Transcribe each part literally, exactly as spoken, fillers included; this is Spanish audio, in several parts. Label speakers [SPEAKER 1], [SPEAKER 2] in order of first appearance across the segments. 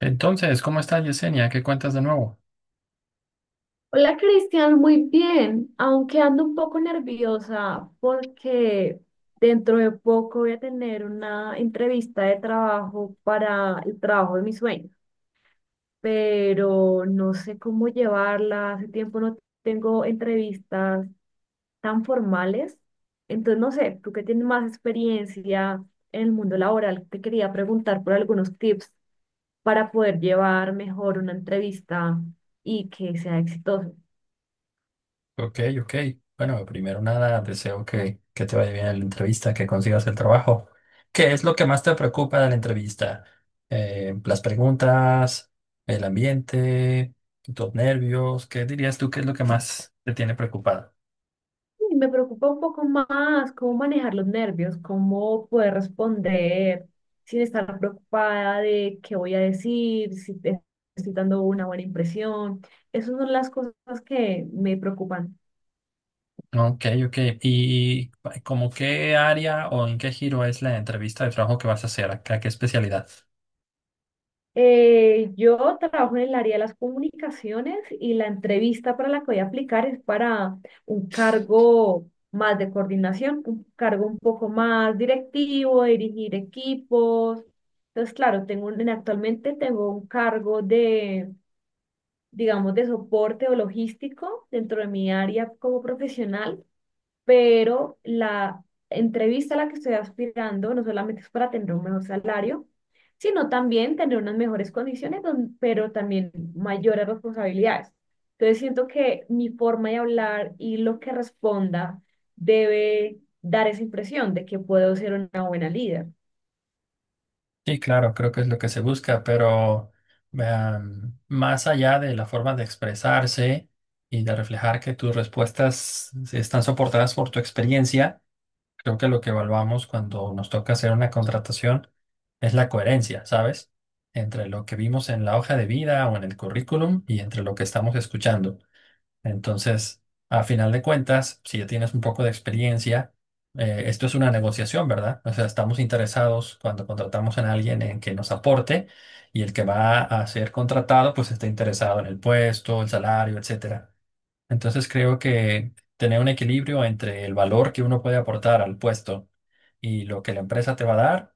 [SPEAKER 1] Entonces, ¿cómo estás, Yesenia? ¿Qué cuentas de nuevo?
[SPEAKER 2] Hola Cristian, muy bien, aunque ando un poco nerviosa porque dentro de poco voy a tener una entrevista de trabajo para el trabajo de mis sueños, pero no sé cómo llevarla, hace tiempo no tengo entrevistas tan formales, entonces no sé, tú que tienes más experiencia en el mundo laboral, te quería preguntar por algunos tips para poder llevar mejor una entrevista y que sea exitosa.
[SPEAKER 1] Ok, ok. Bueno, primero nada, deseo que, que te vaya bien en la entrevista, que consigas el trabajo. ¿Qué es lo que más te preocupa de la entrevista? Eh, las preguntas, el ambiente, tus nervios. ¿Qué dirías tú que es lo que más te tiene preocupada?
[SPEAKER 2] Y me preocupa un poco más cómo manejar los nervios, cómo poder responder sin estar preocupada de qué voy a decir, si te- estoy dando una buena impresión. Esas son las cosas que me preocupan.
[SPEAKER 1] Ok, ok. ¿Y como qué área o en qué giro es la entrevista de trabajo que vas a hacer? ¿A qué especialidad?
[SPEAKER 2] Eh, yo trabajo en el área de las comunicaciones y la entrevista para la que voy a aplicar es para un cargo más de coordinación, un cargo un poco más directivo, dirigir equipos. Entonces, claro, tengo un- actualmente tengo un cargo de, digamos, de soporte o logístico dentro de mi área como profesional, pero la entrevista a la que estoy aspirando no solamente es para tener un mejor salario, sino también tener unas mejores condiciones, don- pero también mayores responsabilidades. Entonces siento que mi forma de hablar y lo que responda debe dar esa impresión de que puedo ser una buena líder.
[SPEAKER 1] Sí, claro, creo que es lo que se busca, pero vean, más allá de la forma de expresarse y de reflejar que tus respuestas están soportadas por tu experiencia, creo que lo que evaluamos cuando nos toca hacer una contratación es la coherencia, ¿sabes? Entre lo que vimos en la hoja de vida o en el currículum y entre lo que estamos escuchando. Entonces, a final de cuentas, si ya tienes un poco de experiencia, eh, esto es una negociación, ¿verdad? O sea, estamos interesados cuando contratamos a alguien en que nos aporte y el que va a ser contratado, pues está interesado en el puesto, el salario, etcétera. Entonces, creo que tener un equilibrio entre el valor que uno puede aportar al puesto y lo que la empresa te va a dar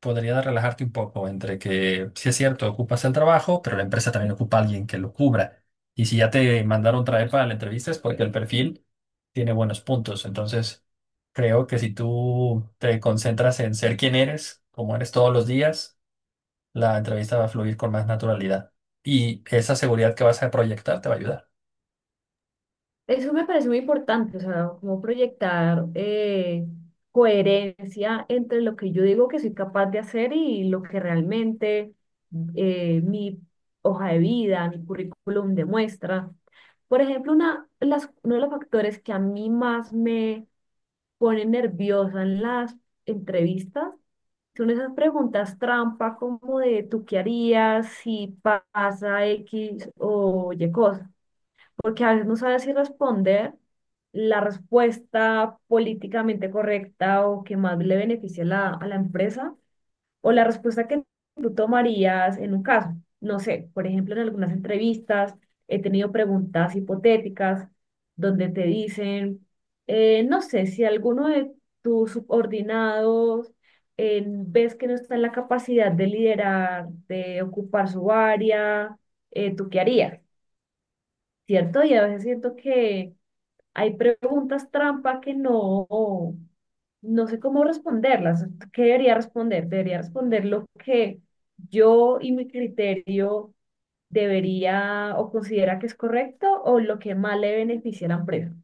[SPEAKER 1] podría relajarte un poco entre que, si es cierto, ocupas el trabajo, pero la empresa también ocupa a alguien que lo cubra. Y si ya te mandaron traer para la entrevista es porque el perfil tiene buenos puntos. Entonces, creo que si tú te concentras en ser quien eres, como eres todos los días, la entrevista va a fluir con más naturalidad. Y esa seguridad que vas a proyectar te va a ayudar.
[SPEAKER 2] Eso me parece muy importante, o sea, como proyectar eh, coherencia entre lo que yo digo que soy capaz de hacer y lo que realmente eh, mi hoja de vida, mi currículum demuestra. Por ejemplo, una, las, uno de los factores que a mí más me pone nerviosa en las entrevistas son esas preguntas trampa como de ¿tú qué harías si pasa X o Y cosa? Porque a veces no sabes si responder la respuesta políticamente correcta o que más le beneficie a la, a la empresa, o la respuesta que tú tomarías en un caso. No sé, por ejemplo, en algunas entrevistas he tenido preguntas hipotéticas donde te dicen, eh, no sé, si alguno de tus subordinados eh, ves que no está en la capacidad de liderar, de ocupar su área, eh, ¿tú qué harías? ¿Cierto? Y a veces siento que hay preguntas trampa que no, no sé cómo responderlas. ¿Qué debería responder? Debería responder lo que yo y mi criterio debería o considera que es correcto, o lo que más le beneficia a la empresa.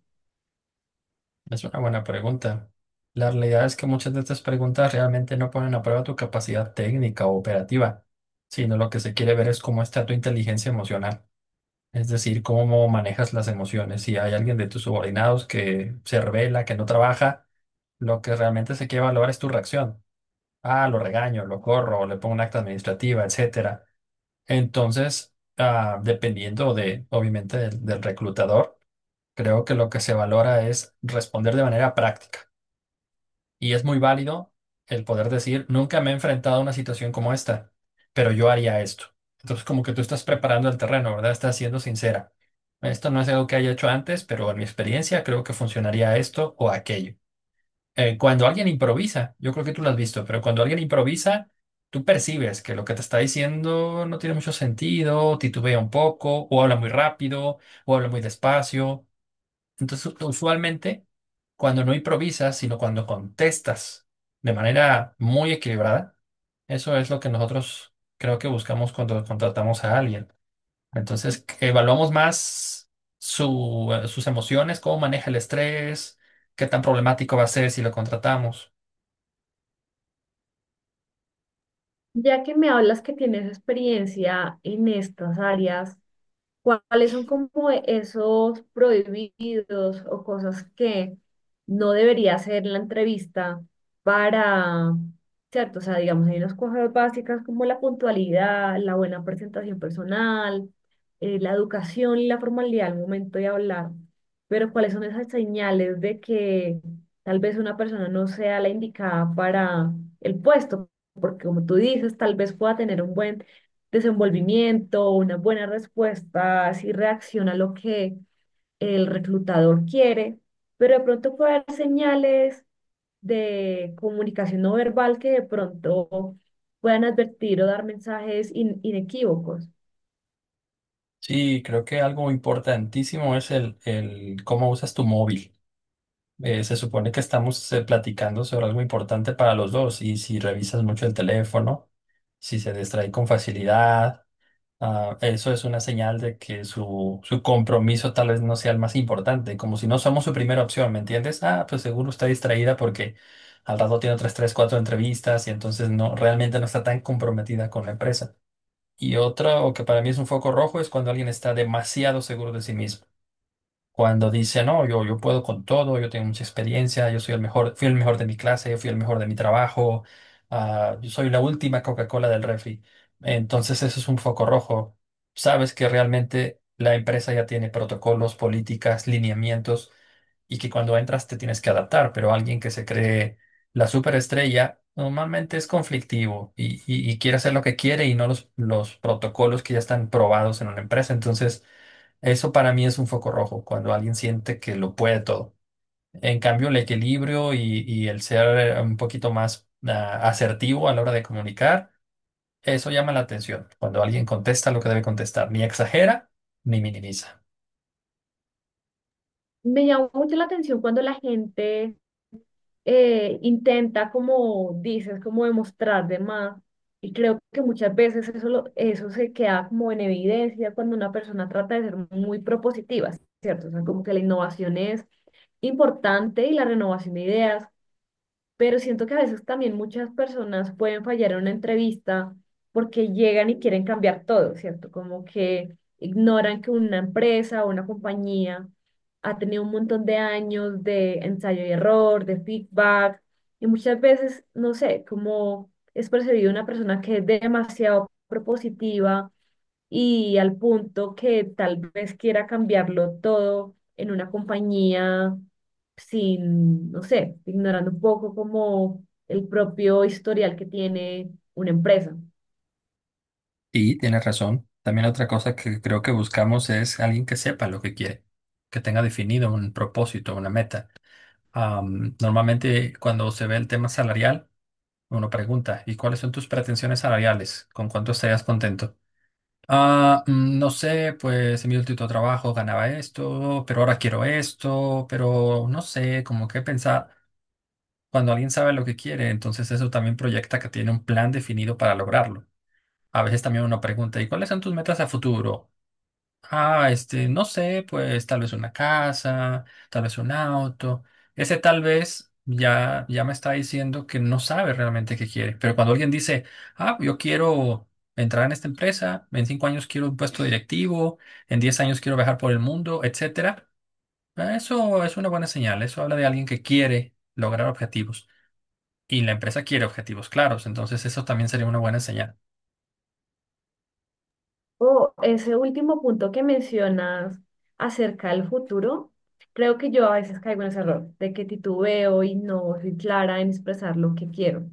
[SPEAKER 1] Es una buena pregunta. La realidad es que muchas de estas preguntas realmente no ponen a prueba tu capacidad técnica o operativa, sino lo que se quiere ver es cómo está tu inteligencia emocional, es decir, cómo manejas las emociones. Si hay alguien de tus subordinados que se revela, que no trabaja, lo que realmente se quiere valorar es tu reacción. Ah, lo regaño, lo corro, le pongo un acta administrativa, etcétera. Entonces, ah, dependiendo de, obviamente, del del reclutador, creo que lo que se valora es responder de manera práctica y es muy válido el poder decir, nunca me he enfrentado a una situación como esta, pero yo haría esto. Entonces, como que tú estás preparando el terreno, ¿verdad? Estás siendo sincera. Esto no es algo que haya hecho antes, pero en mi experiencia creo que funcionaría esto o aquello. Eh, cuando alguien improvisa, yo creo que tú lo has visto, pero cuando alguien improvisa, tú percibes que lo que te está diciendo no tiene mucho sentido, titubea un poco, o habla muy rápido, o habla muy despacio. Entonces, usualmente, cuando no improvisas, sino cuando contestas de manera muy equilibrada, eso es lo que nosotros creo que buscamos cuando contratamos a alguien. Entonces, que evaluamos más su, eh, sus emociones, cómo maneja el estrés, qué tan problemático va a ser si lo contratamos.
[SPEAKER 2] Ya que me hablas que tienes experiencia en estas áreas, ¿cuáles son como esos prohibidos o cosas que no debería hacer la entrevista para, cierto? O sea, digamos, hay unas cosas básicas como la puntualidad, la buena presentación personal, eh, la educación y la formalidad al momento de hablar. Pero ¿cuáles son esas señales de que tal vez una persona no sea la indicada para el puesto? Porque como tú dices, tal vez pueda tener un buen desenvolvimiento, una buena respuesta, si reacciona a lo que el reclutador quiere, pero de pronto puede haber señales de comunicación no verbal que de pronto puedan advertir o dar mensajes in- inequívocos.
[SPEAKER 1] Sí, creo que algo importantísimo es el, el cómo usas tu móvil. Eh, se supone que estamos eh, platicando sobre algo importante para los dos y si revisas mucho el teléfono. Si se distrae con facilidad, ah, eso es una señal de que su, su compromiso tal vez no sea el más importante, como si no somos su primera opción, ¿me entiendes? Ah, pues seguro está distraída porque al rato tiene otras tres, cuatro entrevistas y entonces no, realmente no está tan comprometida con la empresa. Y otra, o que para mí es un foco rojo, es cuando alguien está demasiado seguro de sí mismo. Cuando dice, no, yo, yo puedo con todo, yo tengo mucha experiencia, yo soy el mejor, fui el mejor de mi clase, yo fui el mejor de mi trabajo, ah, yo soy la última Coca-Cola del refri. Entonces eso es un foco rojo. Sabes que realmente la empresa ya tiene protocolos, políticas, lineamientos y que cuando entras te tienes que adaptar, pero alguien que se cree la superestrella normalmente es conflictivo y, y- y quiere hacer lo que quiere y no los, los protocolos que ya están probados en una empresa. Entonces... Eso para mí es un foco rojo, cuando alguien siente que lo puede todo. En cambio, el equilibrio y, y el ser eh, un poquito más ah, asertivo a la hora de comunicar, eso llama la atención, cuando alguien contesta lo que debe contestar, ni exagera ni minimiza.
[SPEAKER 2] Me llamó mucho la atención cuando la gente eh, intenta, como dices, como demostrar de más. Y creo que muchas veces eso, lo- eso se queda como en evidencia cuando una persona trata de ser muy propositiva, ¿cierto? O sea, como que la innovación es importante y la renovación de ideas, pero siento que a veces también muchas personas pueden fallar en una entrevista porque llegan y quieren cambiar todo, ¿cierto? Como que ignoran que una empresa o una compañía ha tenido un montón de años de ensayo y error, de feedback, y muchas veces, no sé, como es percibido una persona que es demasiado propositiva y al punto que tal vez quiera cambiarlo todo en una compañía sin, no sé, ignorando un poco como el propio historial que tiene una empresa.
[SPEAKER 1] Y tienes razón. También otra cosa que creo que buscamos es alguien que sepa lo que quiere, que tenga definido un propósito, una meta. Am, normalmente cuando se ve el tema salarial, uno pregunta, ¿y cuáles son tus pretensiones salariales? ¿Con cuánto estarías contento? Ah, mm, no sé, pues en mi último trabajo ganaba esto, pero ahora quiero esto, pero no sé, como que pensar, cuando alguien sabe lo que quiere, entonces eso también proyecta que tiene un plan definido para lograrlo. A veces también uno pregunta, ¿y cuáles son tus metas a futuro? Ah, este, no sé, pues tal vez una casa, tal vez un auto. Ese tal vez ya, ya me está diciendo que no sabe realmente qué quiere. Pero cuando alguien dice, ah, yo quiero entrar en esta empresa, en cinco años quiero un puesto directivo, en diez años quiero viajar por el mundo, etcétera, ah, eso es una buena señal. Eso habla de alguien que quiere lograr objetivos. Y la empresa quiere objetivos claros, entonces eso también sería una buena señal.
[SPEAKER 2] O ese último punto que mencionas acerca del futuro, creo que yo a veces caigo en ese error de que titubeo y no soy clara en expresar lo que quiero.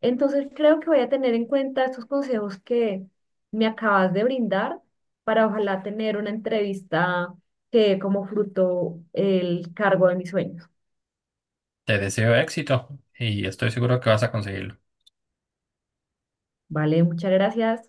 [SPEAKER 2] Entonces creo que voy a tener en cuenta estos consejos que me acabas de brindar para ojalá tener una entrevista que dé como fruto el cargo de mis sueños.
[SPEAKER 1] Te deseo éxito y estoy seguro que vas a conseguirlo.
[SPEAKER 2] Vale, muchas gracias.